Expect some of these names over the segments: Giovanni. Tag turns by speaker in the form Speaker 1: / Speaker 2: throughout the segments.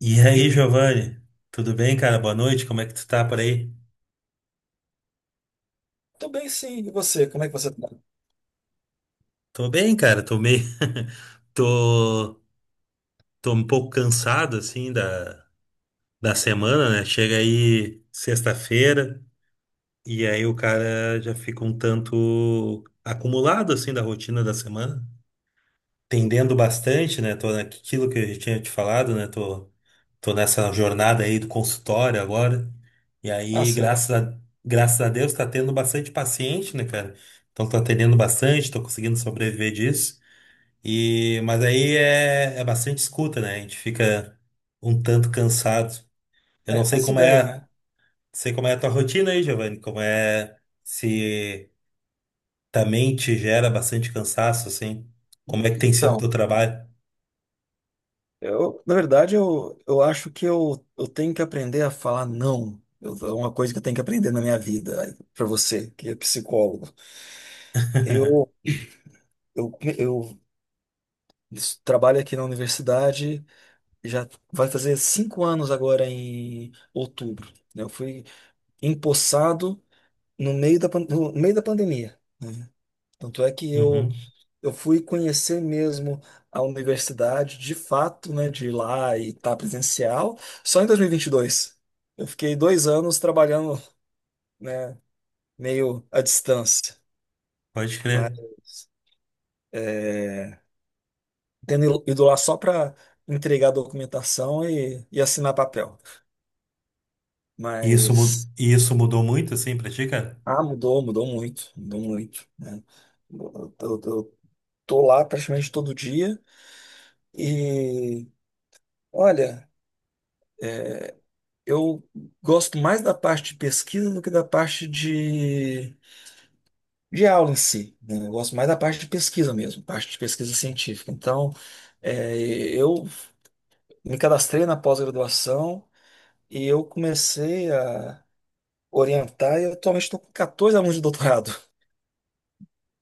Speaker 1: E aí, Giovanni? Tudo bem, cara? Boa noite. Como é que tu tá por aí?
Speaker 2: Tô bem, sim. E você? Como é que você tá?
Speaker 1: Tô bem, cara. Tô meio... Tô... Tô um pouco cansado, assim, da... da semana, né? Chega aí sexta-feira e aí o cara já fica um tanto acumulado, assim, da rotina da semana. Tendendo bastante, né? Tô naquilo que eu já tinha te falado, né? Tô nessa jornada aí do consultório agora. E
Speaker 2: Ah,
Speaker 1: aí,
Speaker 2: sei lá.
Speaker 1: graças a, Graças a Deus, tá tendo bastante paciente, né, cara? Então tô atendendo bastante, tô conseguindo sobreviver disso. E, mas aí é bastante escuta, né? A gente fica um tanto cansado. Eu
Speaker 2: É,
Speaker 1: não sei
Speaker 2: faço
Speaker 1: como
Speaker 2: ideia,
Speaker 1: é,
Speaker 2: né?
Speaker 1: Sei como é a tua rotina aí, Giovanni, como é se também te gera bastante cansaço, assim. Como é que tem sido o
Speaker 2: Então,
Speaker 1: teu trabalho?
Speaker 2: na verdade, eu acho que eu tenho que aprender a falar não. É uma coisa que eu tenho que aprender na minha vida, para você, que é psicólogo. Eu, Eu, eu trabalho aqui na universidade, já vai fazer 5 anos agora em outubro, né? Eu fui empossado no meio da, no meio da pandemia, né? Tanto é que
Speaker 1: Uhum.
Speaker 2: eu fui conhecer mesmo a universidade, de fato, né, de ir lá e estar presencial, só em dois mil e vinte e dois. Eu fiquei 2 anos trabalhando, né, meio à distância.
Speaker 1: Pode
Speaker 2: Mas
Speaker 1: crer.
Speaker 2: eh, tendo ido lá só para entregar a documentação e assinar papel. Mas,
Speaker 1: E isso mudou muito, assim, pra ti, cara?
Speaker 2: ah, mudou, mudou muito, né? Eu tô lá praticamente todo dia e, olha, eu gosto mais da parte de pesquisa do que da parte de aula em si, né? Eu gosto mais da parte de pesquisa mesmo, parte de pesquisa científica. Então, é, eu me cadastrei na pós-graduação e eu comecei a orientar, e eu atualmente estou com 14 alunos de doutorado.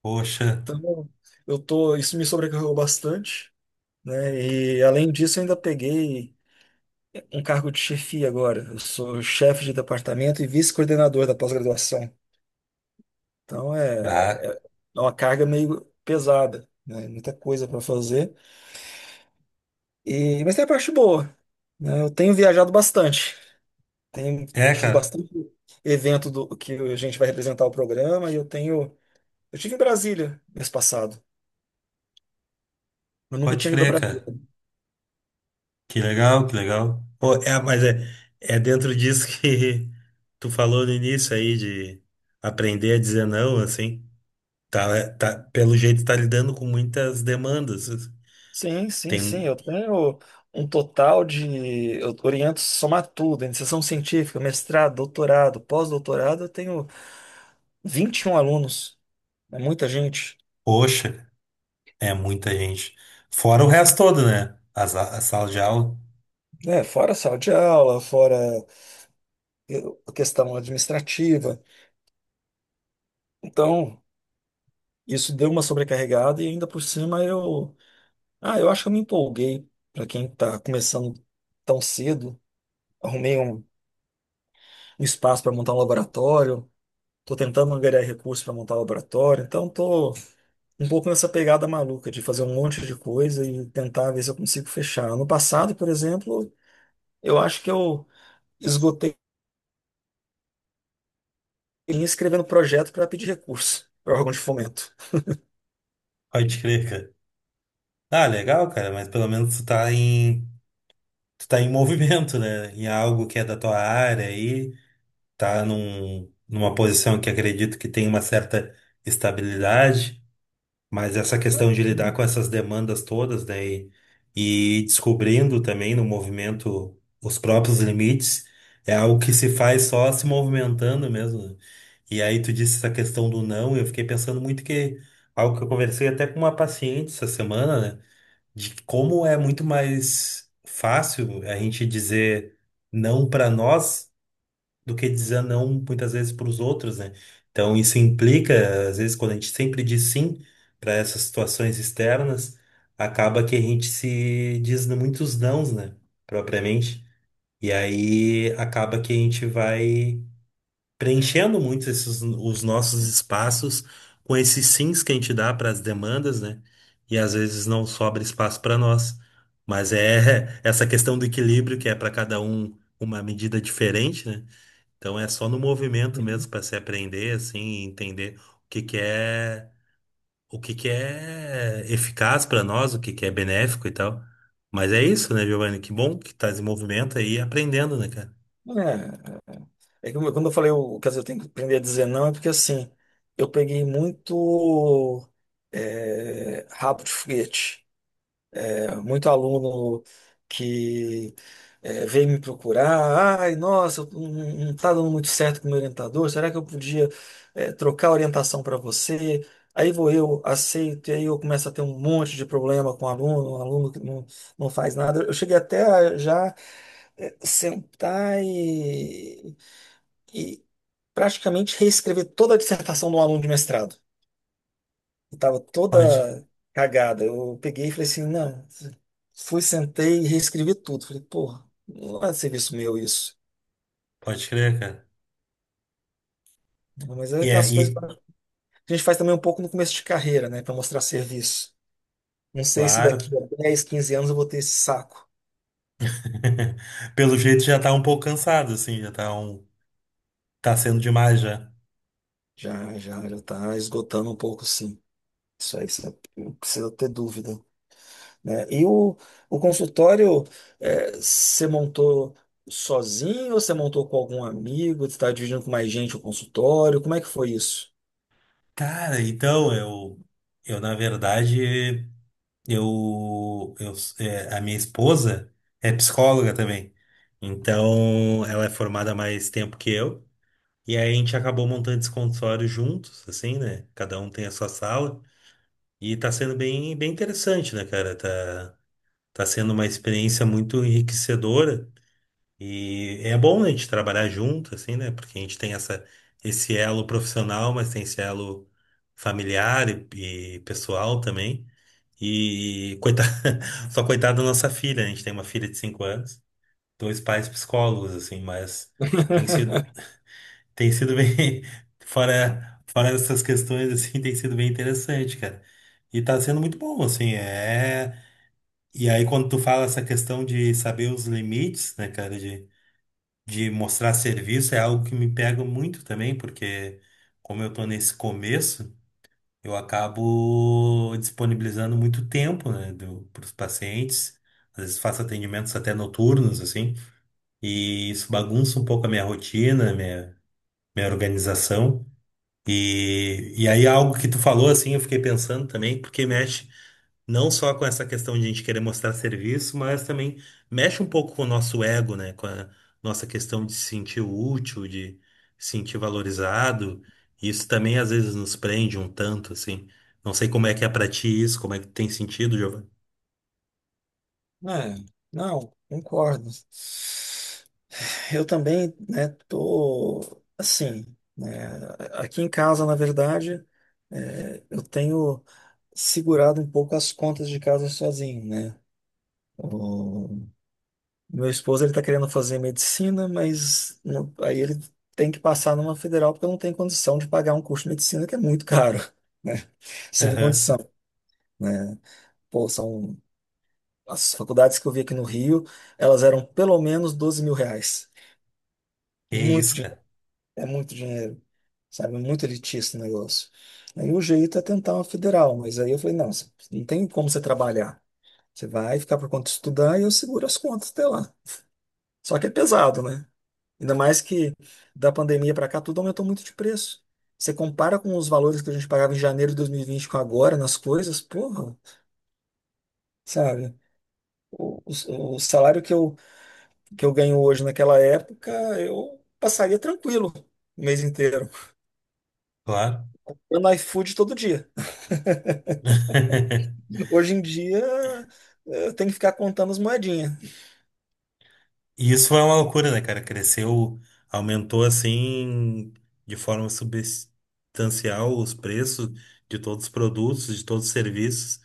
Speaker 1: Poxa.
Speaker 2: Então, eu tô, isso me sobrecarregou bastante, né? E além disso, eu ainda peguei um cargo de chefia agora. Eu sou chefe de departamento e vice-coordenador da pós-graduação. Então, é,
Speaker 1: Bah.
Speaker 2: é uma carga meio pesada, né? Muita coisa para fazer. E, mas tem a parte boa, né? Eu tenho viajado bastante. Tenho
Speaker 1: É,
Speaker 2: tido
Speaker 1: cara.
Speaker 2: bastante evento do que a gente vai representar o programa e eu estive em Brasília mês passado. Eu nunca
Speaker 1: Pode
Speaker 2: tinha ido ao
Speaker 1: crer,
Speaker 2: Brasil.
Speaker 1: cara. Que legal, que legal. Pô, é, mas é, É dentro disso que tu falou no início aí, de aprender a dizer não, assim. Tá, Pelo jeito, tá lidando com muitas demandas.
Speaker 2: Sim, sim,
Speaker 1: Tem,
Speaker 2: sim.
Speaker 1: um,
Speaker 2: Eu tenho um total de. Eu oriento somar tudo, iniciação científica, mestrado, doutorado, pós-doutorado. Eu tenho 21 alunos. É muita gente.
Speaker 1: poxa, é muita gente. Fora o resto todo, né? A sala de aula.
Speaker 2: É, fora sala de aula, fora a questão administrativa. Então, isso deu uma sobrecarregada e ainda por cima eu. Ah, eu acho que eu me empolguei. Para quem está começando tão cedo, arrumei um espaço para montar um laboratório. Tô tentando angariar recursos para montar laboratório, então tô um pouco nessa pegada maluca de fazer um monte de coisa e tentar ver se eu consigo fechar. Ano passado, por exemplo, eu acho que eu esgotei em escrevendo projeto para pedir recurso para órgão de fomento.
Speaker 1: Pode crer, cara. Ah, legal, cara, mas pelo menos tu tá em movimento, né? Em algo que é da tua área aí, tá numa posição que acredito que tem uma certa estabilidade, mas essa questão de lidar com essas demandas todas, né? E descobrindo também no movimento os próprios limites, é algo que se faz só se movimentando mesmo, né? E aí tu disse essa questão do não, e eu fiquei pensando muito que algo que eu conversei até com uma paciente essa semana, né? De como é muito mais fácil a gente dizer não para nós do que dizer não muitas vezes para os outros, né? Então isso implica, às vezes, quando a gente sempre diz sim para essas situações externas, acaba que a gente se diz muitos nãos, né? Propriamente. E aí acaba que a gente vai preenchendo muito os nossos espaços com esses sims que a gente dá para as demandas, né? E às vezes não sobra espaço para nós. Mas é essa questão do equilíbrio que é para cada um uma medida diferente, né? Então é só no movimento mesmo
Speaker 2: Uhum.
Speaker 1: para se aprender assim, e entender o que que é, o que que é eficaz para nós, o que que é benéfico e tal. Mas é isso, né, Giovanni? Que bom que tá em movimento aí, aprendendo, né, cara?
Speaker 2: É, é que quando eu falei o que eu tenho que aprender a dizer não, é porque assim, eu peguei muito rabo de foguete. Muito aluno que veio me procurar. Ai, nossa, eu não está dando muito certo com o meu orientador. Será que eu podia trocar a orientação para você? Aí vou eu, aceito, e aí eu começo a ter um monte de problema com o aluno, um aluno que não faz nada. Eu cheguei até a já sentar e praticamente reescrever toda a dissertação do aluno de mestrado. Eu tava
Speaker 1: Pode,
Speaker 2: toda cagada. Eu peguei e falei assim, não. Fui, sentei e reescrevi tudo. Falei, porra, não é serviço meu isso.
Speaker 1: pode crer, cara.
Speaker 2: Mas é
Speaker 1: E é,
Speaker 2: aquelas
Speaker 1: e,
Speaker 2: coisas que a gente faz também um pouco no começo de carreira, né? Para mostrar serviço. Não sei se daqui
Speaker 1: claro.
Speaker 2: a 10, 15 anos eu vou ter esse saco.
Speaker 1: Pelo jeito já tá um pouco cansado, assim, já tá um... tá sendo demais já.
Speaker 2: Já, já, já tá esgotando um pouco, sim. Isso aí, você não precisa ter dúvida, né? E o consultório, você montou sozinho ou você montou com algum amigo? Você está dividindo com mais gente o consultório? Como é que foi isso?
Speaker 1: Cara, então eu na verdade, eu, é, a minha esposa é psicóloga também. Então ela é formada há mais tempo que eu. E aí a gente acabou montando esse consultório juntos, assim, né? Cada um tem a sua sala. E tá sendo bem, bem interessante, né, cara? Tá, tá sendo uma experiência muito enriquecedora. E é bom a gente trabalhar junto, assim, né? Porque a gente tem essa, esse elo profissional, mas tem esse elo familiar e pessoal também. E coitada, só coitada da nossa filha, né? A gente tem uma filha de 5 anos, dois pais psicólogos, assim, mas tem sido, tem sido bem, fora, fora essas questões, assim, tem sido bem interessante, cara. E tá sendo muito bom, assim, é. E aí, quando tu fala essa questão de saber os limites, né, cara, de mostrar serviço é algo que me pega muito também, porque como eu tô nesse começo, eu acabo disponibilizando muito tempo, né, para os pacientes. Às vezes faço atendimentos até noturnos, assim, e isso bagunça um pouco a minha rotina, minha organização. E aí algo que tu falou, assim, eu fiquei pensando também, porque mexe não só com essa questão de a gente querer mostrar serviço, mas também mexe um pouco com o nosso ego, né? Com a nossa questão de se sentir útil, de se sentir valorizado. Isso também às vezes nos prende um tanto, assim. Não sei como é que é pra ti isso, como é que tem sentido, Giovanni.
Speaker 2: É, não, concordo. Eu também, né, tô assim, né, aqui em casa, na verdade, eu tenho segurado um pouco as contas de casa sozinho, né? Meu esposo ele está querendo fazer medicina, mas aí ele tem que passar numa federal porque não tem condição de pagar um curso de medicina que é muito caro, né? Sem
Speaker 1: Aham.
Speaker 2: condição, né? Pô, são as faculdades que eu vi aqui no Rio, elas eram pelo menos R$ 12.000.
Speaker 1: Que
Speaker 2: Muito
Speaker 1: isso,
Speaker 2: dinheiro,
Speaker 1: cara.
Speaker 2: é muito dinheiro, sabe? É muito elitista o negócio. Aí o jeito é tentar uma federal, mas aí eu falei, não, não tem como você trabalhar. Você vai ficar por conta de estudar e eu seguro as contas até lá. Só que é pesado, né? Ainda mais que da pandemia para cá, tudo aumentou muito de preço. Você compara com os valores que a gente pagava em janeiro de 2020 com agora nas coisas, porra, sabe? O salário que que eu ganho hoje naquela época, eu passaria tranquilo o mês inteiro.
Speaker 1: Claro.
Speaker 2: Eu no iFood todo dia. Hoje em dia, eu tenho que ficar contando as moedinhas.
Speaker 1: E isso foi uma loucura, né, cara? Cresceu, aumentou assim de forma substancial os preços de todos os produtos, de todos os serviços.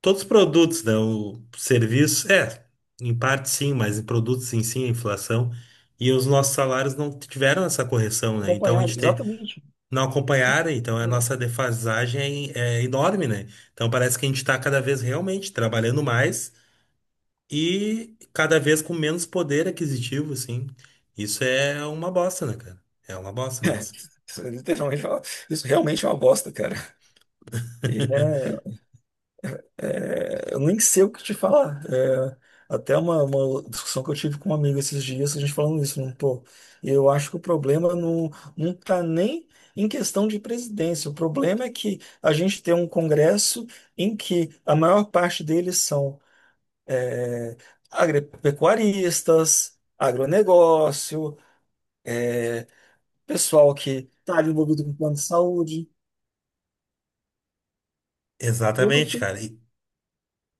Speaker 1: Todos os produtos, né? O serviço, é, em parte sim, mas em produtos sim a inflação. E os nossos salários não tiveram essa correção, né?
Speaker 2: Acompanhado, exatamente.
Speaker 1: Não acompanharam, então a nossa defasagem é, é enorme, né? Então parece que a gente está cada vez realmente trabalhando mais e cada vez com menos poder aquisitivo, assim. Isso é uma bosta, né, cara? É uma bosta
Speaker 2: É,
Speaker 1: mesmo.
Speaker 2: isso, literalmente, isso realmente é uma bosta, cara. E é. É, eu nem sei o que te falar. É, até uma discussão que eu tive com um amigo esses dias, a gente falando isso, né? Pô, eu acho que o problema não tá nem em questão de presidência. O problema é que a gente tem um Congresso em que a maior parte deles são é, agropecuaristas, agronegócio, pessoal que está envolvido com plano de saúde, tudo
Speaker 1: Exatamente,
Speaker 2: que,
Speaker 1: cara. E,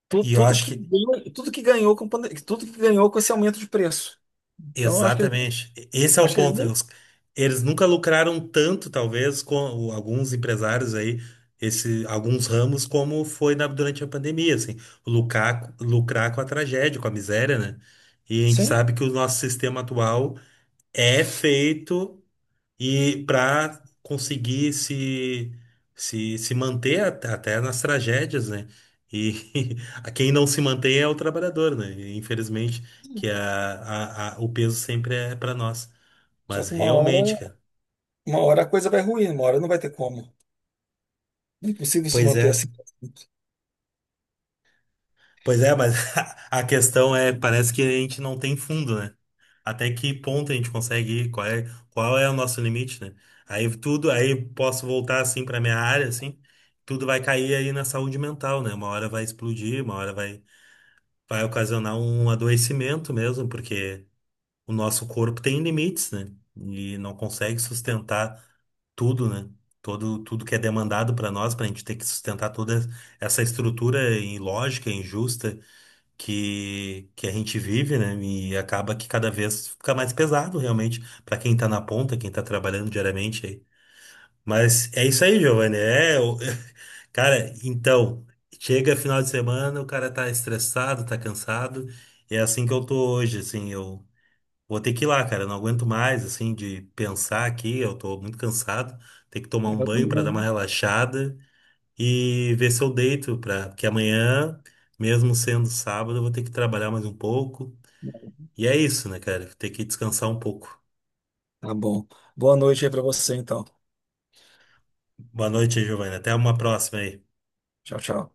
Speaker 1: e eu
Speaker 2: tudo
Speaker 1: acho
Speaker 2: que
Speaker 1: que
Speaker 2: ganhou, tudo que ganhou com tudo que ganhou com esse aumento de preço. Então, eu acho que
Speaker 1: exatamente. Esse é o
Speaker 2: acho que eles
Speaker 1: ponto.
Speaker 2: nem.
Speaker 1: Eles nunca lucraram tanto, talvez, com alguns empresários aí, esse, alguns ramos, como foi durante a pandemia, assim, lucrar, lucrar com a tragédia, com a miséria, né? E a gente
Speaker 2: Sim.
Speaker 1: sabe que o nosso sistema atual é feito e para conseguir se manter até nas tragédias, né? E a quem não se mantém é o trabalhador, né? E, infelizmente, que o peso sempre é para nós.
Speaker 2: Só
Speaker 1: Mas
Speaker 2: que
Speaker 1: realmente, cara.
Speaker 2: uma hora a coisa vai ruir, uma hora não vai ter como. Não é possível se
Speaker 1: Pois
Speaker 2: manter
Speaker 1: é.
Speaker 2: assim pra sempre.
Speaker 1: Pois é, mas a questão é, parece que a gente não tem fundo, né? Até que ponto a gente consegue ir? Qual é o nosso limite, né? Aí posso voltar assim para minha área, assim, tudo vai cair aí na saúde mental, né? Uma hora vai explodir, vai ocasionar um adoecimento mesmo, porque o nosso corpo tem limites, né? E não consegue sustentar tudo, né? Tudo que é demandado para nós, para a gente ter que sustentar toda essa estrutura ilógica, injusta que a gente vive, né? E acaba que cada vez fica mais pesado, realmente, para quem tá na ponta, quem tá trabalhando diariamente aí. Mas é isso aí, Giovanni. Cara, então, chega final de semana, o cara tá estressado, tá cansado. E é assim que eu tô hoje, assim, eu vou ter que ir lá, cara. Eu não aguento mais, assim, de pensar aqui, eu tô muito cansado. Tem que tomar um
Speaker 2: Eu
Speaker 1: banho para dar uma
Speaker 2: também.
Speaker 1: relaxada e ver se eu deito, pra, porque amanhã, mesmo sendo sábado, eu vou ter que trabalhar mais um pouco. E é isso, né, cara? Tem que descansar um pouco.
Speaker 2: Tá bom. Boa noite aí pra você, então.
Speaker 1: Boa noite, Giovanna. Até uma próxima aí.
Speaker 2: Tchau, tchau.